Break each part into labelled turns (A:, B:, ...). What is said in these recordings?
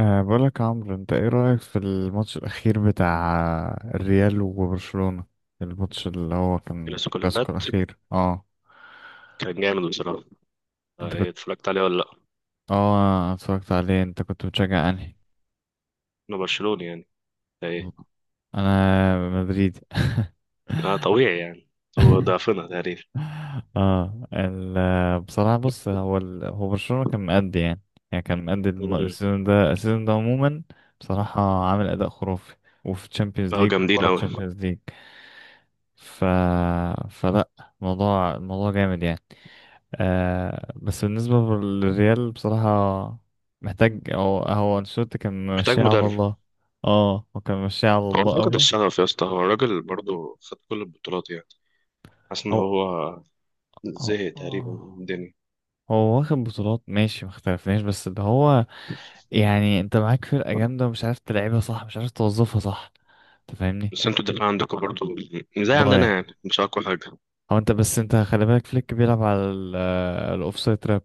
A: بقولك يا عمرو، انت ايه رأيك في الماتش الأخير بتاع الريال وبرشلونة؟ الماتش اللي هو كان
B: الكلاسيكو اللي
A: الكلاسيكو
B: فات
A: الأخير
B: كان جامد بصراحة. آه،
A: انت
B: ايه
A: كنت
B: اتفرجت عليه ولا لأ؟
A: اه أنا اتفرجت عليه. انت كنت بتشجع انهي؟
B: أنا برشلوني يعني، ده ايه.
A: انا مدريدي.
B: آه طبيعي يعني، هو ضعفنا تقريبا.
A: اه ال بصراحة، بص، هو برشلونة كان مأدي، يعني. يعني كان مأدي،
B: م-م.
A: السيزون ده عموما. بصراحة عامل أداء خرافي، وفي تشامبيونز
B: هو
A: ليج
B: جامدين
A: وبره
B: أوي.
A: تشامبيونز ليج. ف... فلا، الموضوع جامد، يعني. بس بالنسبة للريال، بصراحة، محتاج. هو أنشيلوتي كان
B: محتاج
A: ماشي على
B: مدرب.
A: الله. اه هو كان ماشي على
B: هو
A: الله
B: فقد
A: قوي.
B: الشغف يا اسطى، هو الراجل برضه خد كل البطولات يعني. حاسس إن
A: هو
B: هو
A: هو
B: زهق تقريبا من
A: آه،
B: الدنيا.
A: هو واخد بطولات، ماشي، ما اختلفناش. بس اللي هو، يعني، انت معاك فرقة جامدة ومش عارف تلعبها صح، مش عارف توظفها صح. انت فاهمني؟
B: بس انتوا الدفاع عندكم برضه زي عندنا
A: ضايع.
B: يعني، مش أقوى حاجة.
A: هو، انت خلي بالك، فليك بيلعب على الاوفسايد تراب.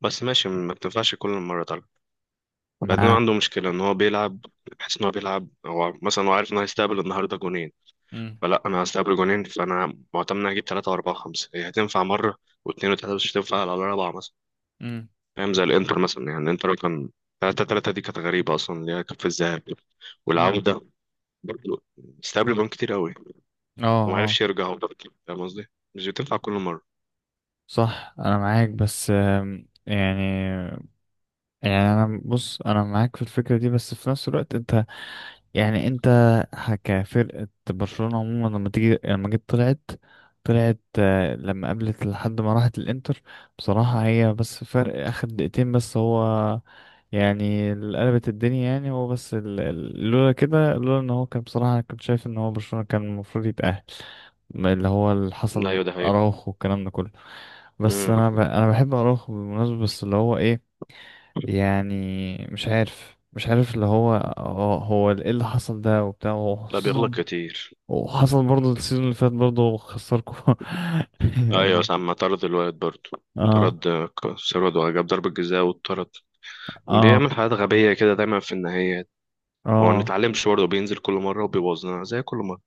B: بس ماشي، ما بتنفعش كل مرة طبعا. بعدين هو
A: مع
B: عنده مشكلة إن هو بيلعب، بحس إن هو بيلعب، هو مثلا هو عارف إن هو هيستقبل النهاردة جونين.
A: امم
B: فلا، انا هستقبل جونين فانا معتمد اني هجيب ثلاثه واربعه وخمسه، هي هتنفع مره واثنين وثلاثه بس مش هتنفع على الاربعه مثلا.
A: امم
B: فاهم؟ زي الانتر مثلا، يعني الانتر كان ثلاثه ثلاثه، دي كانت غريبه اصلا اللي هي كانت في الذهاب
A: امم
B: والعوده. برضه استقبل جون كتير قوي وما
A: اه
B: عرفش يرجع برضه. فاهم قصدي؟ مش بتنفع كل مره.
A: صح، انا معاك. بس يعني، يعني انا معاك في الفكرة دي، بس في نفس الوقت انت، يعني انت، كفرقة برشلونة عموما، لما جيت طلعت، لما قابلت لحد ما راحت الانتر. بصراحة هي بس فرق اخر دقيقتين، بس هو يعني اللي قلبت الدنيا، يعني هو بس، لولا كده، لولا ان هو كان، بصراحة انا كنت شايف ان هو برشلونة كان المفروض يتأهل. ما اللي هو اللي
B: ده
A: حصل
B: ايوه، ده حقيقة.
A: اراوخو والكلام ده كله. بس
B: امم،
A: انا بحب اراوخو بالمناسبة، بس اللي هو ايه، يعني، مش عارف اللي هو ايه اللي حصل ده وبتاع،
B: لا
A: وخصوصا
B: بيغلط كتير.
A: وحصل برضه السيزون اللي فات برضه خسركم.
B: ايوه ساعة ما طرد الواد برضه.
A: اه.
B: طرد آه، سيرود وجاب ضربة جزاء واتطرد.
A: اه.
B: بيعمل حاجات غبية كده دايما في النهاية. وما
A: اه.
B: بنتعلمش برضه، بينزل كل مرة وبيبوظنا زي كل مرة.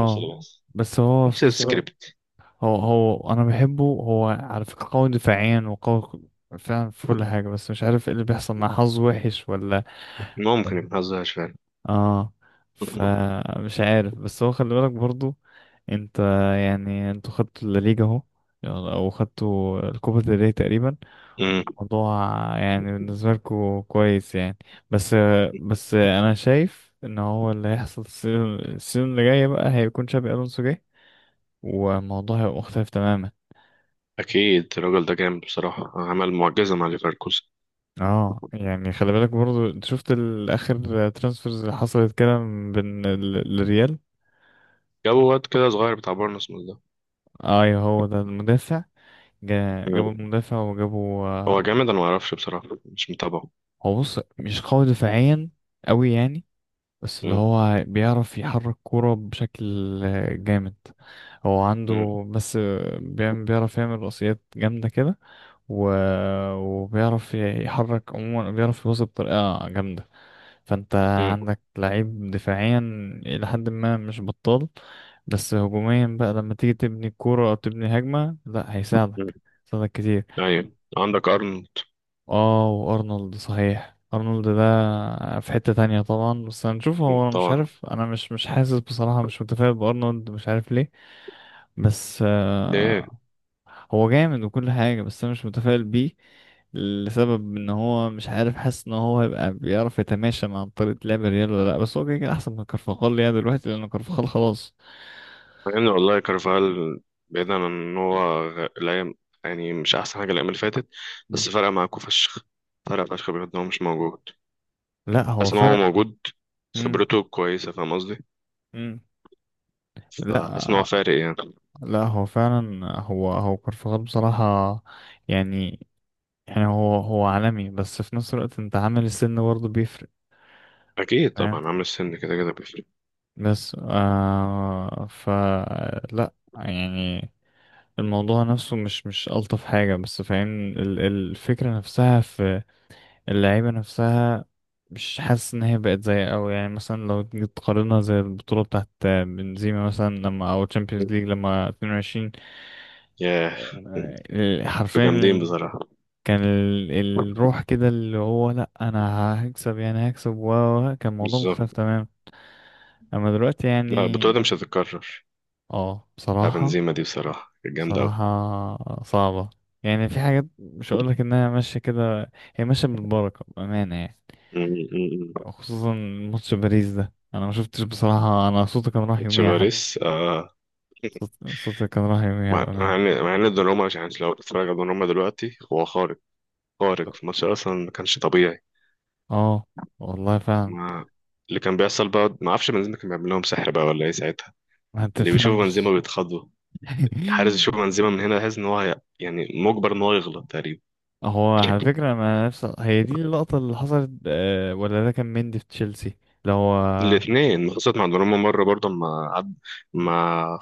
B: نفس البحث.
A: بس هو
B: نفس
A: في نفس الوقت،
B: السكريبت.
A: هو انا بحبه. هو على فكرة قوي دفاعيا وقوي فعلا في كل حاجة، بس مش عارف ايه اللي بيحصل، مع حظ وحش ولا
B: ممكن، ما بنهزرش فعلا.
A: اه فمش عارف. بس هو خلي بالك برضو انت، يعني انتوا خدتوا الليجا اهو، يلا، او خدتوا الكوبا del ري تقريبا،
B: أمم،
A: موضوع. يعني بالنسبه لكم كويس يعني. بس بس انا شايف ان هو اللي هيحصل، السيزون اللي جاي بقى هيكون شابي الونسو جاي، والموضوع هيبقى مختلف تماما.
B: اكيد الراجل ده جامد بصراحه، عمل معجزه مع ليفركوزن.
A: اه، يعني خلي بالك برضو، انت شفت الاخر ترانسفيرز اللي حصلت كده بين الريال.
B: جابوا واد كده صغير بتاع بورنموث ده.
A: ايوه، هو ده المدافع.
B: أمم،
A: جابوا مدافع، وجابوا
B: هو
A: آه،
B: جامد، انا ما اعرفش بصراحه، مش متابعه.
A: هو، بص، مش قوي دفاعيا قوي يعني، بس اللي
B: أمم،
A: هو بيعرف يحرك كورة بشكل جامد. هو
B: أمم،
A: عنده، بس بيعرف يعمل رأسيات جامدة كده. و... وبيعرف يحرك، عموما بيعرف يوصل بطريقة جامدة. فانت
B: أمم،
A: عندك لعيب دفاعيا إلى حد ما، مش بطال. بس هجوميا بقى، لما تيجي تبني كورة أو تبني هجمة، لأ،
B: أمم.
A: هيساعدك كتير.
B: ايوه، عندك ارنولد.
A: اه، وارنولد، صحيح، ارنولد ده في حتة تانية طبعا، بس هنشوف.
B: أمم،
A: هو انا مش
B: طبعا.
A: عارف، انا مش حاسس بصراحة، مش متفائل بارنولد، مش عارف ليه. بس
B: ليه؟
A: هو جامد وكل حاجة، بس انا مش متفائل بيه، لسبب ان هو مش عارف، حاسس ان هو هيبقى بيعرف يتماشى مع طريقة لعب الريال ولا لا. بس هو كده كده احسن من كارفاخال يعني دلوقتي، لان كارفاخال خلاص.
B: مع ان والله كارفال، بعيدا عن ان هو الايام، يعني مش احسن حاجه الايام اللي فاتت.
A: مم.
B: بس فرق معاكوا فشخ، فرق فشخ بجد إن هو مش موجود.
A: لا هو
B: بس ان هو
A: فرق.
B: موجود،
A: مم.
B: خبرته كويسه، فاهم قصدي؟
A: مم.
B: فحاسس ان هو
A: لا،
B: فارق يعني.
A: لا، هو فعلا، هو كارفاخال بصراحة، يعني يعني هو عالمي، بس في نفس الوقت انت، عامل السن برضه بيفرق،
B: اكيد
A: فاهم؟
B: طبعا، عامل السن كده كده بيفرق.
A: بس فلا، يعني الموضوع نفسه مش ألطف حاجة، بس فاهم الفكرة نفسها في اللعيبة نفسها. مش حاسس إن هي بقت زي أوي، يعني، مثلا لو تيجي تقارنها زي البطولة بتاعت بنزيما مثلا، لما أو تشامبيونز ليج لما 22،
B: ياه، انتوا جامدين
A: حرفيا.
B: بصراحه.
A: كان الروح كده، اللي هو، لا، انا هكسب، و كان الموضوع
B: بالظبط.
A: مختلف تمام. اما دلوقتي
B: لا
A: يعني،
B: البطوله دي مش هتتكرر.
A: اه
B: بتاع
A: بصراحة.
B: بنزيما دي بصراحه كانت جامده قوي.
A: بصراحة صعبة. يعني في حاجات مش هقولك انها ماشية كده، هي ماشية بالبركة، بأمانة يعني. خصوصا ماتش باريس ده، انا ما شفتش بصراحة، انا صوتي كان راح يوميها، حد،
B: تشافاريس آه.
A: صوتي كان راح يوميها
B: مع مع
A: بأمانة.
B: ان مع ان دوناروما، مش يعني لو اتفرج على دوناروما دلوقتي هو خارق. خارق في الماتش، اصلا ما كانش طبيعي.
A: اه، والله فعلا،
B: ما اللي كان بيحصل بقى ما اعرفش، بنزيما كان بيعمل لهم سحر بقى ولا ايه ساعتها؟
A: ما
B: اللي بيشوف بنزيما
A: تفهمش.
B: بيتخضوا. الحارس يشوف بنزيما من هنا يحس ان هو يعني مجبر ان هو يغلط تقريبا.
A: هو على فكرة، أنا نفس هي دي اللقطة اللي حصلت، ولا ده كان مندي في تشيلسي؟ اللي هو،
B: الاثنين حصلت مع دوناروما مرة برضه. ما عد... ما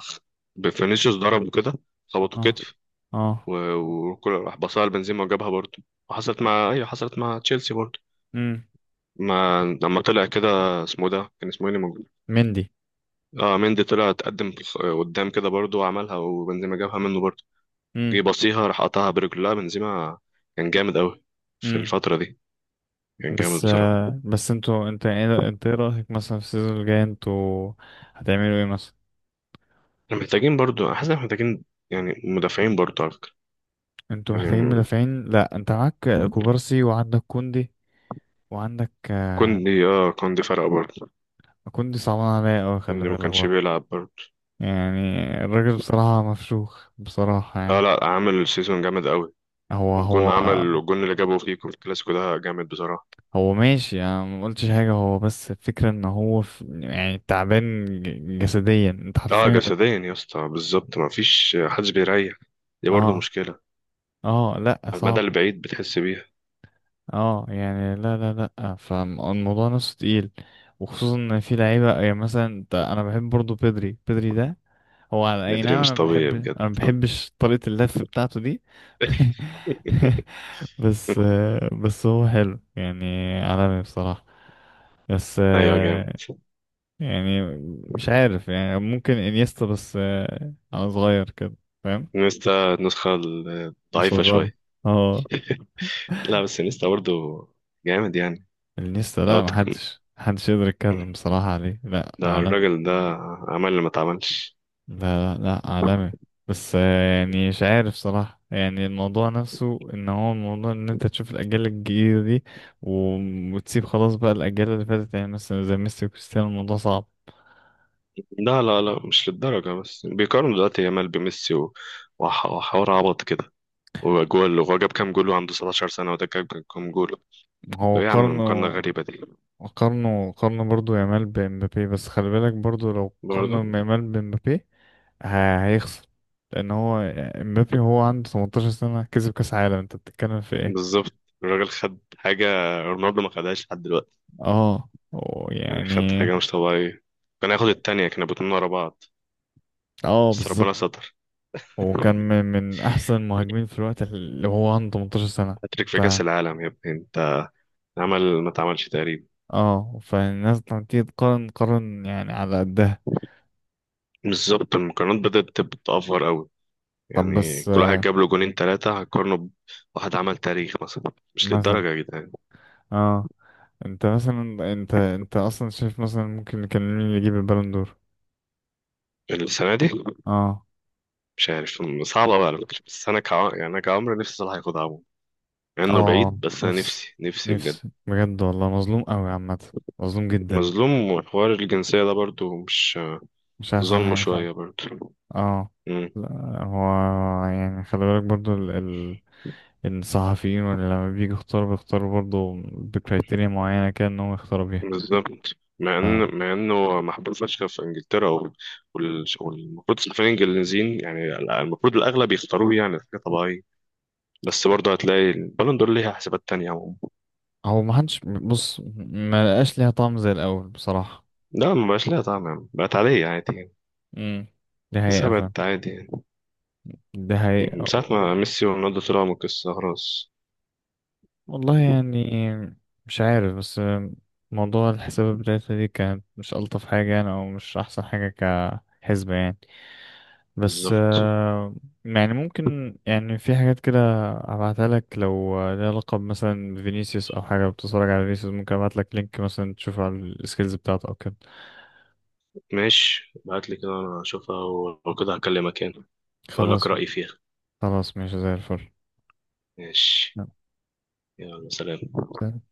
B: فينيسيوس ضرب وكده، خبطه
A: اه،
B: كتف
A: اه،
B: و- وكل راح بصها لبنزيما وجابها برضه. وحصلت مع، ايوه حصلت مع تشيلسي برضه.
A: امم،
B: ما لما طلع كده، اسمه ده كان اسمه ايه اللي موجود؟
A: مندي.
B: اه مندي، طلع اتقدم قدام كده برضه وعملها وبنزيما جابها منه برضه.
A: امم.
B: جه بصيها راح قطعها برجله، لا بنزيما، كان جامد قوي في
A: امم.
B: الفترة دي. كان جامد
A: بس
B: بصراحة.
A: بس انتوا، انت ايه، رأيك مثلا في السيزون الجاي؟ انتوا هتعملوا ايه مثلا؟
B: احنا محتاجين برضه، حاسس إن إحنا محتاجين يعني مدافعين برضه على فكرة.
A: انتوا
B: يعني
A: محتاجين مدافعين؟ لا، انت معاك كوبارسي وعندك كوندي وعندك.
B: كوندي، اه كوندي فرق برضه.
A: كوندي صعبان عليا اوي، خلي
B: كوندي ما
A: بالك
B: كانش
A: برضه
B: بيلعب برضه.
A: يعني. الراجل بصراحة مفشوخ، بصراحة
B: لا
A: يعني.
B: لا، عامل سيزون جامد قوي.
A: هو
B: والجون،
A: هو
B: عمل الجون اللي جابه فيكم في الكلاسيكو ده جامد بصراحة.
A: هو ماشي، انا ما قلتش حاجه. هو بس الفكره ان هو في، يعني، تعبان جسديا، انت
B: اه
A: حرفيا.
B: جسديا يا اسطى، بالظبط، ما فيش حدش بيريح. دي برضه
A: اه.
B: مشكلة،
A: اه، لا
B: على المدى
A: صعبه.
B: البعيد بتحس بيها.
A: اه، يعني، لا، لا، لا، فالموضوع نفسه تقيل. وخصوصا ان في لعيبه، يعني مثلا انا بحب برضو بيدري ده. هو على اي،
B: مدري
A: نعم،
B: مش طبيعي بجد.
A: انا ما بحبش طريقه اللف بتاعته دي. بس بس هو حلو يعني، عالمي بصراحه. بس
B: ايوه جامد.
A: يعني مش عارف، يعني ممكن انيستا، بس انا صغير كده، فاهم،
B: نيستا النسخة الضعيفة
A: مصغر.
B: شوية.
A: اه،
B: لا بس نيستا برضه جامد يعني.
A: انيستا؟
B: او
A: لا،
B: تك...
A: محدش يقدر يتكلم بصراحة عليه، لا
B: ده
A: عالمي.
B: الراجل ده عمل اللي ما اتعملش.
A: لا، لا، لا، عالمي. بس يعني مش عارف صراحة، يعني الموضوع نفسه ان هو، الموضوع ان انت تشوف الاجيال الجديدة دي، وتسيب خلاص بقى الاجيال اللي فاتت، يعني مثلا زي ميسي وكريستيانو، الموضوع صعب.
B: لا لا لا، مش للدرجة. بس بيقارنوا دلوقتي يامال بميسي وحوار عبط كده. وجول، وهو جاب كام جول وعنده 17 سنة وده جاب كام جول؟
A: هو
B: ايه يا عم
A: قارنه
B: المقارنة غريبة دي.
A: قارنوا برضو يامال بمبابي بس خلي بالك برضو، لو
B: برضه.
A: قارنوا يامال بمبابي هيخسر، لان هو مبابي، هو عنده 18 سنة كسب كاس عالم، انت بتتكلم في ايه؟
B: بالظبط. الراجل خد حاجة، رونالدو ما خدهاش لحد دلوقتي.
A: اه، هو
B: يعني خد
A: يعني،
B: حاجة مش طبيعية. كان هياخد التانية، كانوا الاتنين ورا بعض
A: اه،
B: بس
A: بالظبط.
B: ربنا ستر.
A: وكان من احسن المهاجمين في الوقت اللي هو عنده 18 سنة.
B: هاتريك
A: ف
B: في كأس العالم يا ابني انت. عمل ما اتعملش تقريبا.
A: اه فالناس لما تيجي تقارن، قارن يعني على قدها.
B: بالظبط، المقارنات بدأت تأفور قوي.
A: طب
B: يعني
A: بس
B: كل واحد جاب له جونين ثلاثة هقارنه بواحد عمل تاريخ مثلا؟ مش
A: مثلا،
B: للدرجة يا جدعان.
A: اه انت مثلا، انت اصلا شايف مثلا ممكن كان مين اللي يجيب البالون دور؟
B: السنة دي.
A: اه.
B: مش عارف، صعبة بقى على فكرة. بس أنا يعني أنا كعمر نفسي صلاح ياخدها عموما. مع إنه
A: اه،
B: بعيد، بس أنا
A: نفسي،
B: نفسي، نفسي بجد.
A: نفسي بجد، والله مظلوم قوي عامة، مظلوم جدا.
B: مظلوم، وحوار الجنسية ده برضو مش
A: مش احسن
B: ظلمه
A: حاجة فعلا.
B: شوية برضو.
A: اه،
B: مم.
A: لا، هو يعني، خلي بالك برضو ال ال الصحفيين ولا، لما بيجي يختاروا، برضو بكريتيريا معينة كده ان هو يختاروا بيها.
B: بالظبط، مع
A: ف
B: إن مع إنه محبوب فشخ في إنجلترا والمفروض الصحفيين الإنجليزيين يعني. المفروض الأغلب يختاروه، يعني حاجة طبيعية. بس برضه هتلاقي البالون دور ليها حسابات تانية عموما.
A: هو ما حدش بص، ما لقاش ليها طعم زي الأول بصراحة.
B: لا ما بقاش ليها طعم يعني. بقت عادية، عادي يعني.
A: امم، دي
B: بس
A: حقيقة
B: هي
A: فعلا،
B: بقت عادي يعني،
A: دي
B: من
A: حقيقة.
B: ساعة ما ميسي ورونالدو طلعوا من القصة خلاص.
A: والله يعني، مش عارف، بس موضوع الحساب بتاعتها دي كانت مش ألطف حاجة يعني، أو مش أحسن حاجة كحسبة يعني. بس
B: بالظبط.
A: يعني ممكن يعني، في حاجات كده أبعتها لك لو ليها علاقة، مثلا فينيسيوس أو حاجة، بتتفرج على فينيسيوس ممكن أبعت لك لينك مثلا تشوف على السكيلز بتاعته أو كده.
B: ماشي ابعت لي كده، انا اشوفها ولو كده هكلمك يعني، اقول لك
A: خلاص.
B: رأيي فيها.
A: خلاص، ماشي زي الفل.
B: ماشي. يلا سلام.
A: نعم.